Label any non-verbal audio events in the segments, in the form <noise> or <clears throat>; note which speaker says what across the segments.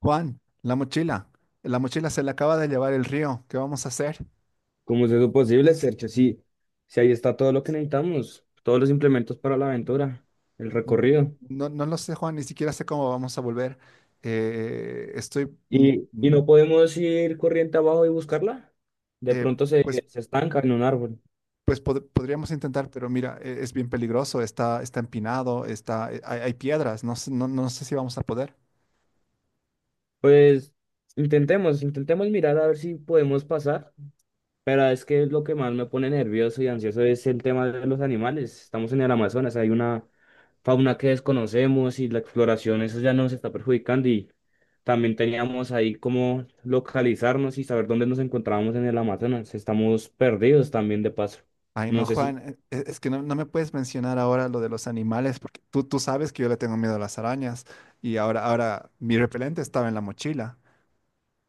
Speaker 1: Juan, la mochila. La mochila se la acaba de llevar el río. ¿Qué vamos a hacer?
Speaker 2: Como es eso posible, Sergio? Sí, sí, ahí está todo lo que necesitamos, todos los implementos para la aventura, el
Speaker 1: N-
Speaker 2: recorrido.
Speaker 1: No, no lo sé, Juan, ni siquiera sé cómo vamos a volver. Eh, estoy, mm,
Speaker 2: Y
Speaker 1: mm,
Speaker 2: no podemos ir corriente abajo y buscarla? De
Speaker 1: eh,
Speaker 2: pronto se,
Speaker 1: pues,
Speaker 2: se estanca en un árbol.
Speaker 1: podríamos intentar, pero mira, es bien peligroso, está, está empinado, está, hay, hay piedras, no, no, no sé si vamos a poder.
Speaker 2: Pues intentemos mirar a ver si podemos pasar. Pero es que lo que más me pone nervioso y ansioso es el tema de los animales. Estamos en el Amazonas, hay una fauna que desconocemos y la exploración, eso ya nos está perjudicando y también teníamos ahí como localizarnos y saber dónde nos encontrábamos en el Amazonas. Estamos perdidos también de paso.
Speaker 1: Ay,
Speaker 2: No
Speaker 1: no,
Speaker 2: sé
Speaker 1: Juan,
Speaker 2: si...
Speaker 1: es que no, no me puedes mencionar ahora lo de los animales, porque tú sabes que yo le tengo miedo a las arañas y ahora, ahora mi repelente estaba en la mochila.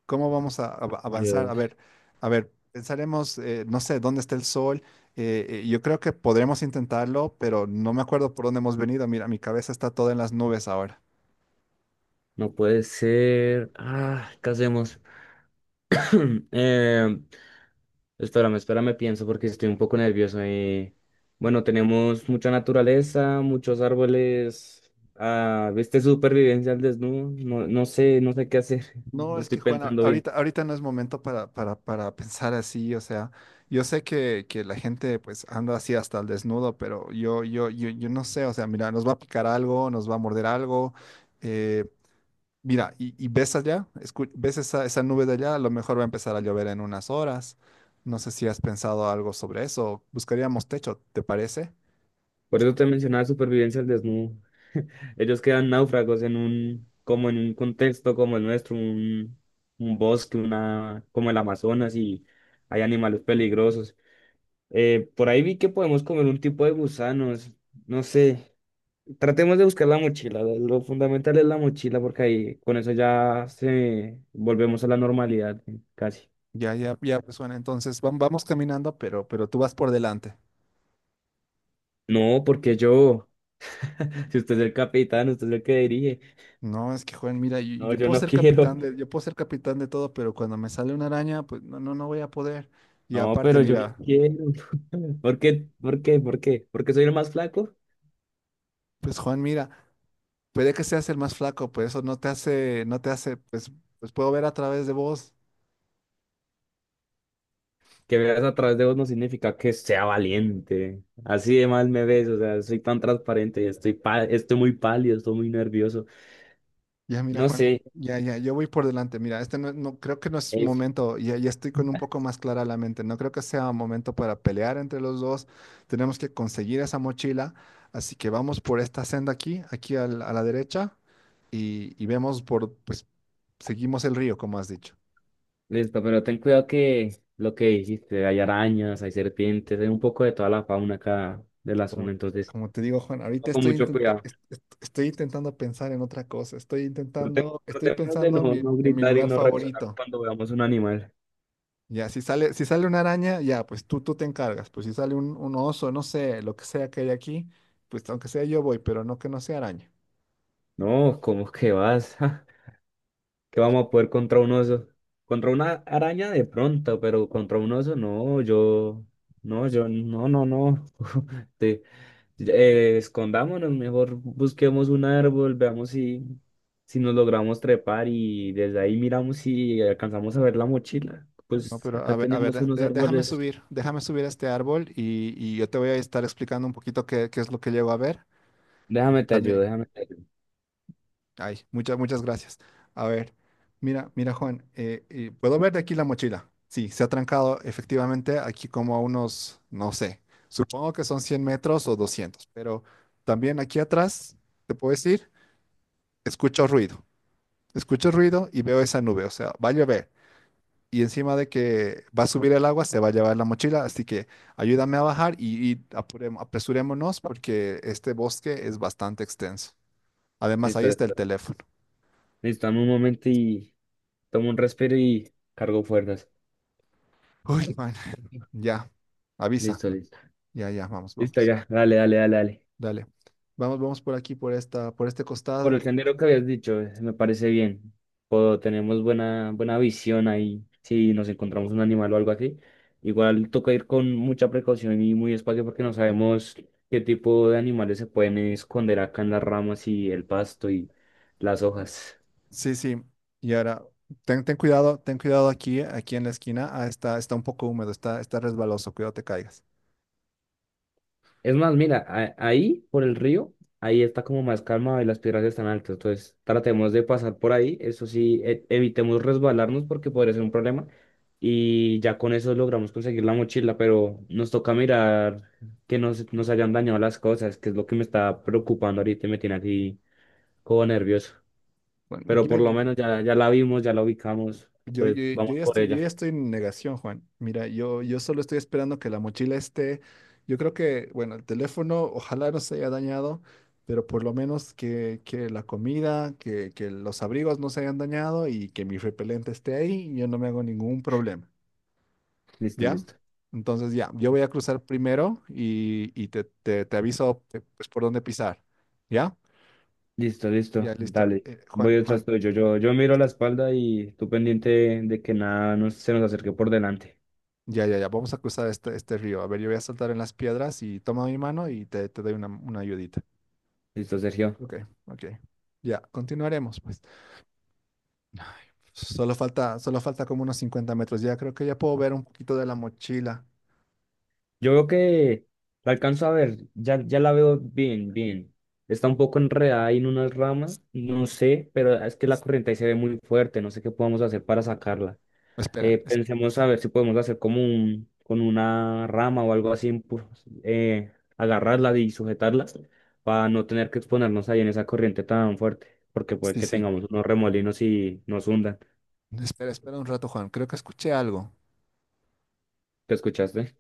Speaker 1: ¿Cómo vamos a avanzar?
Speaker 2: Dios,
Speaker 1: A ver, pensaremos, no sé, dónde está el sol. Yo creo que podremos intentarlo, pero no me acuerdo por dónde hemos venido. Mira, mi cabeza está toda en las nubes ahora.
Speaker 2: no puede ser. Ah, ¿qué hacemos? <clears throat> Em, espérame, pienso porque estoy un poco nervioso. Bueno, tenemos mucha naturaleza, muchos árboles. Ah, ¿viste supervivencia al desnudo? No, no sé, no sé qué hacer. <laughs>
Speaker 1: No,
Speaker 2: No
Speaker 1: es
Speaker 2: estoy
Speaker 1: que Juana,
Speaker 2: pensando bien.
Speaker 1: ahorita, ahorita no es momento para pensar así, o sea, yo sé que la gente pues anda así hasta el desnudo, pero yo no sé, o sea, mira, nos va a picar algo, nos va a morder algo, eh, Mira, y ves allá, ves esa, esa nube de allá, a lo mejor va a empezar a llover en unas horas. No sé si has pensado algo sobre eso. Buscaríamos techo, ¿te parece?
Speaker 2: Por eso te mencionaba supervivencia al desnudo. Ellos quedan náufragos en un, como en un contexto como el nuestro, un bosque, una, como el Amazonas y hay animales peligrosos. Por ahí vi que podemos comer un tipo de gusanos. No sé. Tratemos de buscar la mochila. Lo fundamental es la mochila porque ahí con eso ya se volvemos a la normalidad casi.
Speaker 1: Ya, ya, ya, pues bueno, entonces vamos caminando, pero tú vas por delante.
Speaker 2: No, porque yo, <laughs> si usted es el capitán, usted es el que dirige.
Speaker 1: No, es que Juan, mira, yo,
Speaker 2: No,
Speaker 1: yo
Speaker 2: yo
Speaker 1: puedo
Speaker 2: no <laughs>
Speaker 1: ser
Speaker 2: quiero.
Speaker 1: capitán de, yo puedo ser capitán de todo, pero cuando me sale una araña, pues no, no, no voy a poder. Y
Speaker 2: No,
Speaker 1: aparte,
Speaker 2: pero yo
Speaker 1: mira,
Speaker 2: no quiero. <laughs> ¿Por qué? ¿Por qué? ¿Por qué? Porque soy el más flaco.
Speaker 1: pues Juan, mira, puede que seas el más flaco, pues eso no te hace, no te hace, pues, pues puedo ver a través de vos.
Speaker 2: Que veas a través de vos no significa que sea valiente. Así de mal me ves, o sea, soy tan transparente, estoy pa- estoy muy pálido, estoy muy nervioso.
Speaker 1: Ya, mira,
Speaker 2: No
Speaker 1: Juan,
Speaker 2: sé.
Speaker 1: ya, ya, yo voy por delante. Mira, este no, creo que no es momento, ya, ya estoy con un poco más clara la mente. No creo que sea momento para pelear entre los dos. Tenemos que conseguir esa mochila. Así que vamos por esta senda aquí, aquí a la derecha, y vemos por, pues, seguimos el río, como has dicho.
Speaker 2: Listo, pero ten cuidado que lo que dijiste, hay arañas, hay serpientes, hay un poco de toda la fauna acá de la
Speaker 1: Como,
Speaker 2: zona, entonces
Speaker 1: como te digo, Juan, ahorita
Speaker 2: con
Speaker 1: estoy
Speaker 2: mucho cuidado.
Speaker 1: estoy intentando pensar en otra cosa. Estoy
Speaker 2: Pero te-
Speaker 1: intentando, estoy
Speaker 2: Tratemos de
Speaker 1: pensando
Speaker 2: no, no
Speaker 1: en mi
Speaker 2: gritar y
Speaker 1: lugar
Speaker 2: no reaccionar
Speaker 1: favorito.
Speaker 2: cuando veamos un animal.
Speaker 1: Ya, si sale, si sale una araña, ya, pues tú te encargas. Pues si sale un oso, no sé, lo que sea que hay aquí, pues aunque sea yo voy, pero no que no sea araña.
Speaker 2: No, ¿cómo que vas? <laughs> que vamos a poder contra un oso. Contra una araña de pronto, pero contra un oso no, yo, no, yo, no, no, no. <laughs> Te- escondámonos, mejor busquemos un árbol, veamos si, si nos logramos trepar y desde ahí miramos si alcanzamos a ver la mochila.
Speaker 1: No,
Speaker 2: Pues
Speaker 1: pero
Speaker 2: acá
Speaker 1: a ver,
Speaker 2: tenemos unos árboles.
Speaker 1: déjame subir a este árbol y yo te voy a estar explicando un poquito qué, qué es lo que llego a ver. Porque
Speaker 2: Déjame te ayudo,
Speaker 1: también,
Speaker 2: déjame te ayudo.
Speaker 1: ay, muchas, muchas gracias. A ver, mira, mira, Juan, ¿puedo ver de aquí la mochila? Sí, se ha trancado efectivamente aquí como a unos, no sé, supongo que son 100 metros o 200, pero también aquí atrás, ¿te puedo decir? Escucho ruido, escucho ruido y veo esa nube, o sea, va a llover. Y encima de que va a subir el agua, se va a llevar la mochila, así que ayúdame a bajar y apresurémonos porque este bosque es bastante extenso. Además, ahí
Speaker 2: Listo,
Speaker 1: está el
Speaker 2: listo.
Speaker 1: teléfono.
Speaker 2: Listo, dame un momento y tomo un respiro y cargo fuerzas.
Speaker 1: Uy, man, ya, avisa.
Speaker 2: Listo, listo.
Speaker 1: Ya, ya, vamos,
Speaker 2: Listo,
Speaker 1: vamos.
Speaker 2: ya. Dale.
Speaker 1: Dale. Vamos, vamos por aquí, por esta, por este
Speaker 2: Por el
Speaker 1: costado.
Speaker 2: sendero que habías dicho, me parece bien. Puedo, tenemos buena, buena visión ahí. Si nos encontramos un animal o algo así, igual toca ir con mucha precaución y muy despacio porque no sabemos qué tipo de animales se pueden esconder acá en las ramas y el pasto y las hojas.
Speaker 1: Sí, sí. Y ahora, ten, ten cuidado aquí, aquí en la esquina. Ah, está, está un poco húmedo, está, está resbaloso, cuidado te caigas.
Speaker 2: Es más, mira, a- ahí por el río, ahí está como más calma y las piedras están altas. Entonces, tratemos de pasar por ahí. Eso sí, e- evitemos resbalarnos porque podría ser un problema. Y ya con eso logramos conseguir la mochila, pero nos toca mirar que no se- nos hayan dañado las cosas, que es lo que me está preocupando ahorita y me tiene aquí como nervioso.
Speaker 1: Bueno,
Speaker 2: Pero
Speaker 1: yo,
Speaker 2: por lo menos ya, ya la vimos, ya la ubicamos.
Speaker 1: yo,
Speaker 2: Entonces, vamos por
Speaker 1: yo
Speaker 2: ella.
Speaker 1: ya estoy en negación, Juan. Mira, yo solo estoy esperando que la mochila esté. Yo creo que, bueno, el teléfono ojalá no se haya dañado, pero por lo menos que la comida, que los abrigos no se hayan dañado y que mi repelente esté ahí, yo no me hago ningún problema.
Speaker 2: Listo,
Speaker 1: ¿Ya?
Speaker 2: listo.
Speaker 1: Entonces ya, yo voy a cruzar primero y te aviso pues, por dónde pisar. ¿Ya?
Speaker 2: Listo,
Speaker 1: Ya,
Speaker 2: listo,
Speaker 1: listo.
Speaker 2: dale. Voy
Speaker 1: Juan,
Speaker 2: detrás
Speaker 1: Juan.
Speaker 2: tuyo. Yo miro la espalda y tú pendiente de que nada nos, se nos acerque por delante.
Speaker 1: Ya, ya, ya, vamos a cruzar este, este río. A ver, yo voy a saltar en las piedras y toma mi mano y te doy una ayudita.
Speaker 2: Listo, Sergio.
Speaker 1: Ok, ok. Ya, continuaremos, pues. Ay, solo falta como unos 50 metros. Ya creo que ya puedo ver un poquito de la mochila.
Speaker 2: Yo veo que la alcanzo a ver, ya, ya la veo bien, bien. Está un poco enredada ahí en unas ramas, no sé, pero es que la corriente ahí se ve muy fuerte, no sé qué podemos hacer para sacarla.
Speaker 1: Espera, es-
Speaker 2: Pensemos a ver si podemos hacer como un, con una rama o algo así, pues, agarrarla y sujetarla para no tener que exponernos ahí en esa corriente tan fuerte, porque puede
Speaker 1: sí,
Speaker 2: que
Speaker 1: sí.
Speaker 2: tengamos unos remolinos y nos hundan.
Speaker 1: Espera, espera un rato, Juan. Creo que escuché algo.
Speaker 2: ¿Te escuchaste?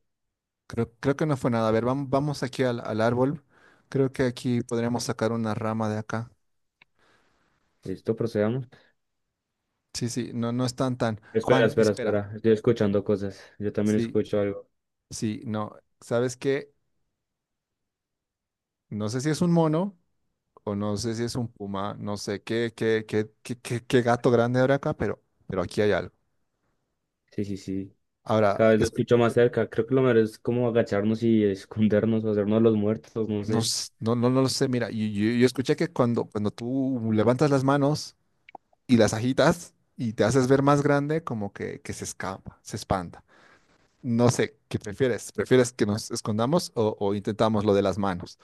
Speaker 1: Creo, creo que no fue nada. A ver, vamos, vamos aquí al, al árbol. Creo que aquí podríamos sacar una rama de acá.
Speaker 2: Listo, procedamos.
Speaker 1: Sí, sí, no, no están tan.
Speaker 2: Espera,
Speaker 1: Juan,
Speaker 2: espera,
Speaker 1: espera.
Speaker 2: espera. Estoy escuchando cosas. Yo también
Speaker 1: Sí,
Speaker 2: escucho algo.
Speaker 1: sí, no. ¿Sabes qué? No sé si es un mono o no sé si es un puma, no sé qué, qué, qué, qué, qué, qué gato grande habrá acá, pero aquí hay algo.
Speaker 2: Sí, sí, sí.
Speaker 1: Ahora,
Speaker 2: Cada vez lo
Speaker 1: es,
Speaker 2: escucho más cerca. Creo que lo mejor es como agacharnos y escondernos o hacernos los muertos, no
Speaker 1: no,
Speaker 2: sé.
Speaker 1: no, no, no lo sé, mira, yo, yo escuché que cuando, cuando tú levantas las manos y las agitas y te haces ver más grande, como que se escapa, se espanta. No sé, ¿qué prefieres? ¿Prefieres que nos escondamos o intentamos lo de las manos?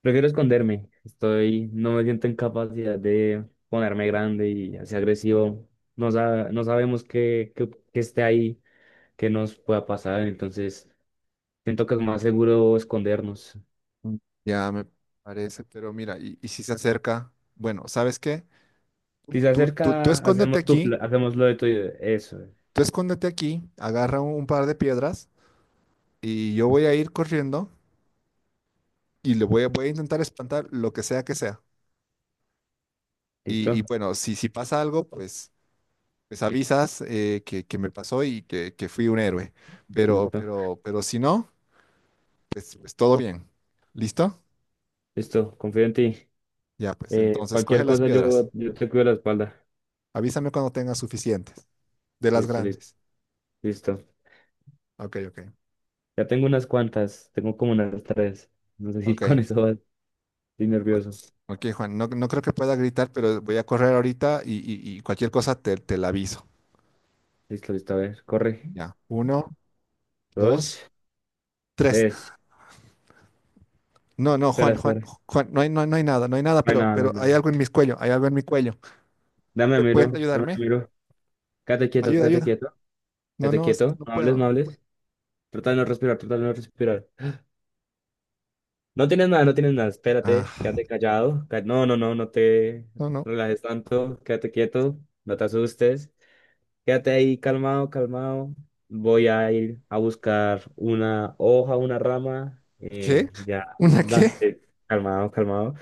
Speaker 2: Prefiero esconderme. Estoy, no me siento en capacidad de ponerme grande y así agresivo. No, sa- no sabemos qué, qué, qué esté ahí, qué nos pueda pasar. Entonces, siento que es más seguro escondernos.
Speaker 1: Mm. Ya me parece, pero mira, y si se acerca, bueno, ¿sabes qué?
Speaker 2: Si se
Speaker 1: Tú
Speaker 2: acerca,
Speaker 1: escóndete
Speaker 2: hacemos tu,
Speaker 1: aquí.
Speaker 2: pla- hacemos lo de tu, eso.
Speaker 1: Tú escóndete aquí, agarra un, par de piedras y yo voy a ir corriendo y le voy a, voy a intentar espantar lo que sea que sea. Y
Speaker 2: ¿Listo?
Speaker 1: bueno, si, si pasa algo, pues, pues avisas que me pasó y que fui un héroe.
Speaker 2: Listo.
Speaker 1: Pero si no, pues, pues todo bien. ¿Listo?
Speaker 2: Listo. Confío en ti.
Speaker 1: Ya, pues entonces coge
Speaker 2: Cualquier
Speaker 1: las
Speaker 2: cosa
Speaker 1: piedras.
Speaker 2: yo, yo te cuido la espalda.
Speaker 1: Avísame cuando tengas suficientes, de las
Speaker 2: Listo, listo,
Speaker 1: grandes.
Speaker 2: listo.
Speaker 1: Ok, ok,
Speaker 2: Ya tengo unas cuantas. Tengo como unas tres. No sé si <laughs> con
Speaker 1: ok.
Speaker 2: eso vas. Estoy
Speaker 1: o-
Speaker 2: nervioso.
Speaker 1: Ok, Juan, no, no creo que pueda gritar, pero voy a correr ahorita y, y cualquier cosa te, te la aviso.
Speaker 2: Listo, listo. A ver, corre.
Speaker 1: Ya, uno, dos,
Speaker 2: Dos,
Speaker 1: tres.
Speaker 2: tres.
Speaker 1: No, no,
Speaker 2: Espera,
Speaker 1: Juan, Juan,
Speaker 2: espera.
Speaker 1: Juan, no hay, no, hay no hay nada, no hay nada,
Speaker 2: No hay nada, no hay
Speaker 1: pero hay
Speaker 2: nada.
Speaker 1: algo en mi cuello, hay algo en mi cuello.
Speaker 2: Dame, miro,
Speaker 1: ¿Puedes
Speaker 2: dame,
Speaker 1: ayudarme?
Speaker 2: miro. Quédate quieto,
Speaker 1: Ayuda,
Speaker 2: quédate
Speaker 1: ayuda.
Speaker 2: quieto,
Speaker 1: No,
Speaker 2: quédate
Speaker 1: no, es que
Speaker 2: quieto.
Speaker 1: no
Speaker 2: No hables, no
Speaker 1: puedo.
Speaker 2: hables. Trata de no respirar. No tienes nada, no tienes nada. Espérate,
Speaker 1: Ah,
Speaker 2: quédate callado. Ca- No, no, no, no te
Speaker 1: no, no.
Speaker 2: relajes tanto. Quédate quieto, no te asustes. Quédate ahí calmado, calmado. Voy a ir a buscar una hoja, una rama.
Speaker 1: ¿Qué?
Speaker 2: eh, ya,
Speaker 1: ¿Una qué?
Speaker 2: da- eh, calmado, calmado.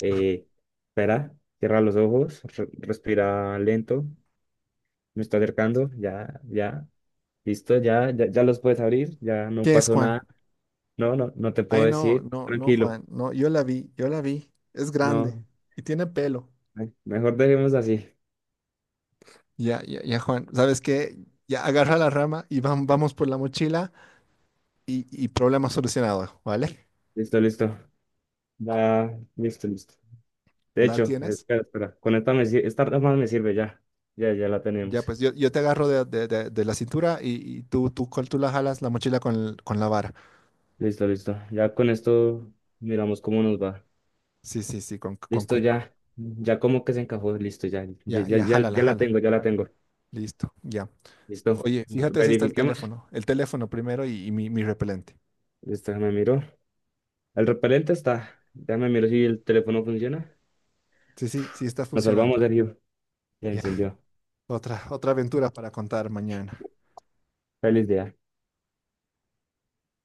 Speaker 2: Eh, espera, cierra los ojos, re- respira lento, me está acercando, ya, ya, listo, ya, ya, ya los puedes abrir, ya no
Speaker 1: ¿Qué es,
Speaker 2: pasó
Speaker 1: Juan?
Speaker 2: nada, no, no, no te puedo
Speaker 1: Ay, no,
Speaker 2: decir,
Speaker 1: no, no,
Speaker 2: tranquilo,
Speaker 1: Juan, no, yo la vi, yo la vi. Es grande
Speaker 2: no,
Speaker 1: y tiene pelo.
Speaker 2: ay, mejor dejemos así,
Speaker 1: Ya, ya, ya, Juan, ¿sabes qué? Ya agarra la rama y vamos por la mochila y problema solucionado, ¿vale?
Speaker 2: listo, listo, ya, listo, listo. De
Speaker 1: ¿La
Speaker 2: hecho,
Speaker 1: tienes?
Speaker 2: espera, espera, con esta, me, sir- esta rama me sirve ya, ya, ya la
Speaker 1: Ya,
Speaker 2: tenemos,
Speaker 1: pues yo te agarro de, de la cintura y tú, tú la jalas la mochila con, con la vara.
Speaker 2: listo, listo, ya con esto miramos cómo nos va,
Speaker 1: Sí, sí, sí, con
Speaker 2: listo,
Speaker 1: cuidado.
Speaker 2: ya, ya como que se encajó, listo, ya, ya,
Speaker 1: Ya,
Speaker 2: ya,
Speaker 1: ya,
Speaker 2: ya
Speaker 1: jala, la
Speaker 2: ya la
Speaker 1: jala.
Speaker 2: tengo, ya la tengo.
Speaker 1: Listo, ya.
Speaker 2: Listo,
Speaker 1: Oye, fíjate si está el
Speaker 2: verifiquemos.
Speaker 1: teléfono. El teléfono primero y mi repelente.
Speaker 2: Listo, ya me miró. El repelente está. Ya me miró si el teléfono funciona.
Speaker 1: Sí, sí, sí está
Speaker 2: Nos salvamos,
Speaker 1: funcionando.
Speaker 2: Sergio. Se
Speaker 1: Ya,
Speaker 2: encendió.
Speaker 1: otra, otra aventura para contar mañana.
Speaker 2: Feliz día.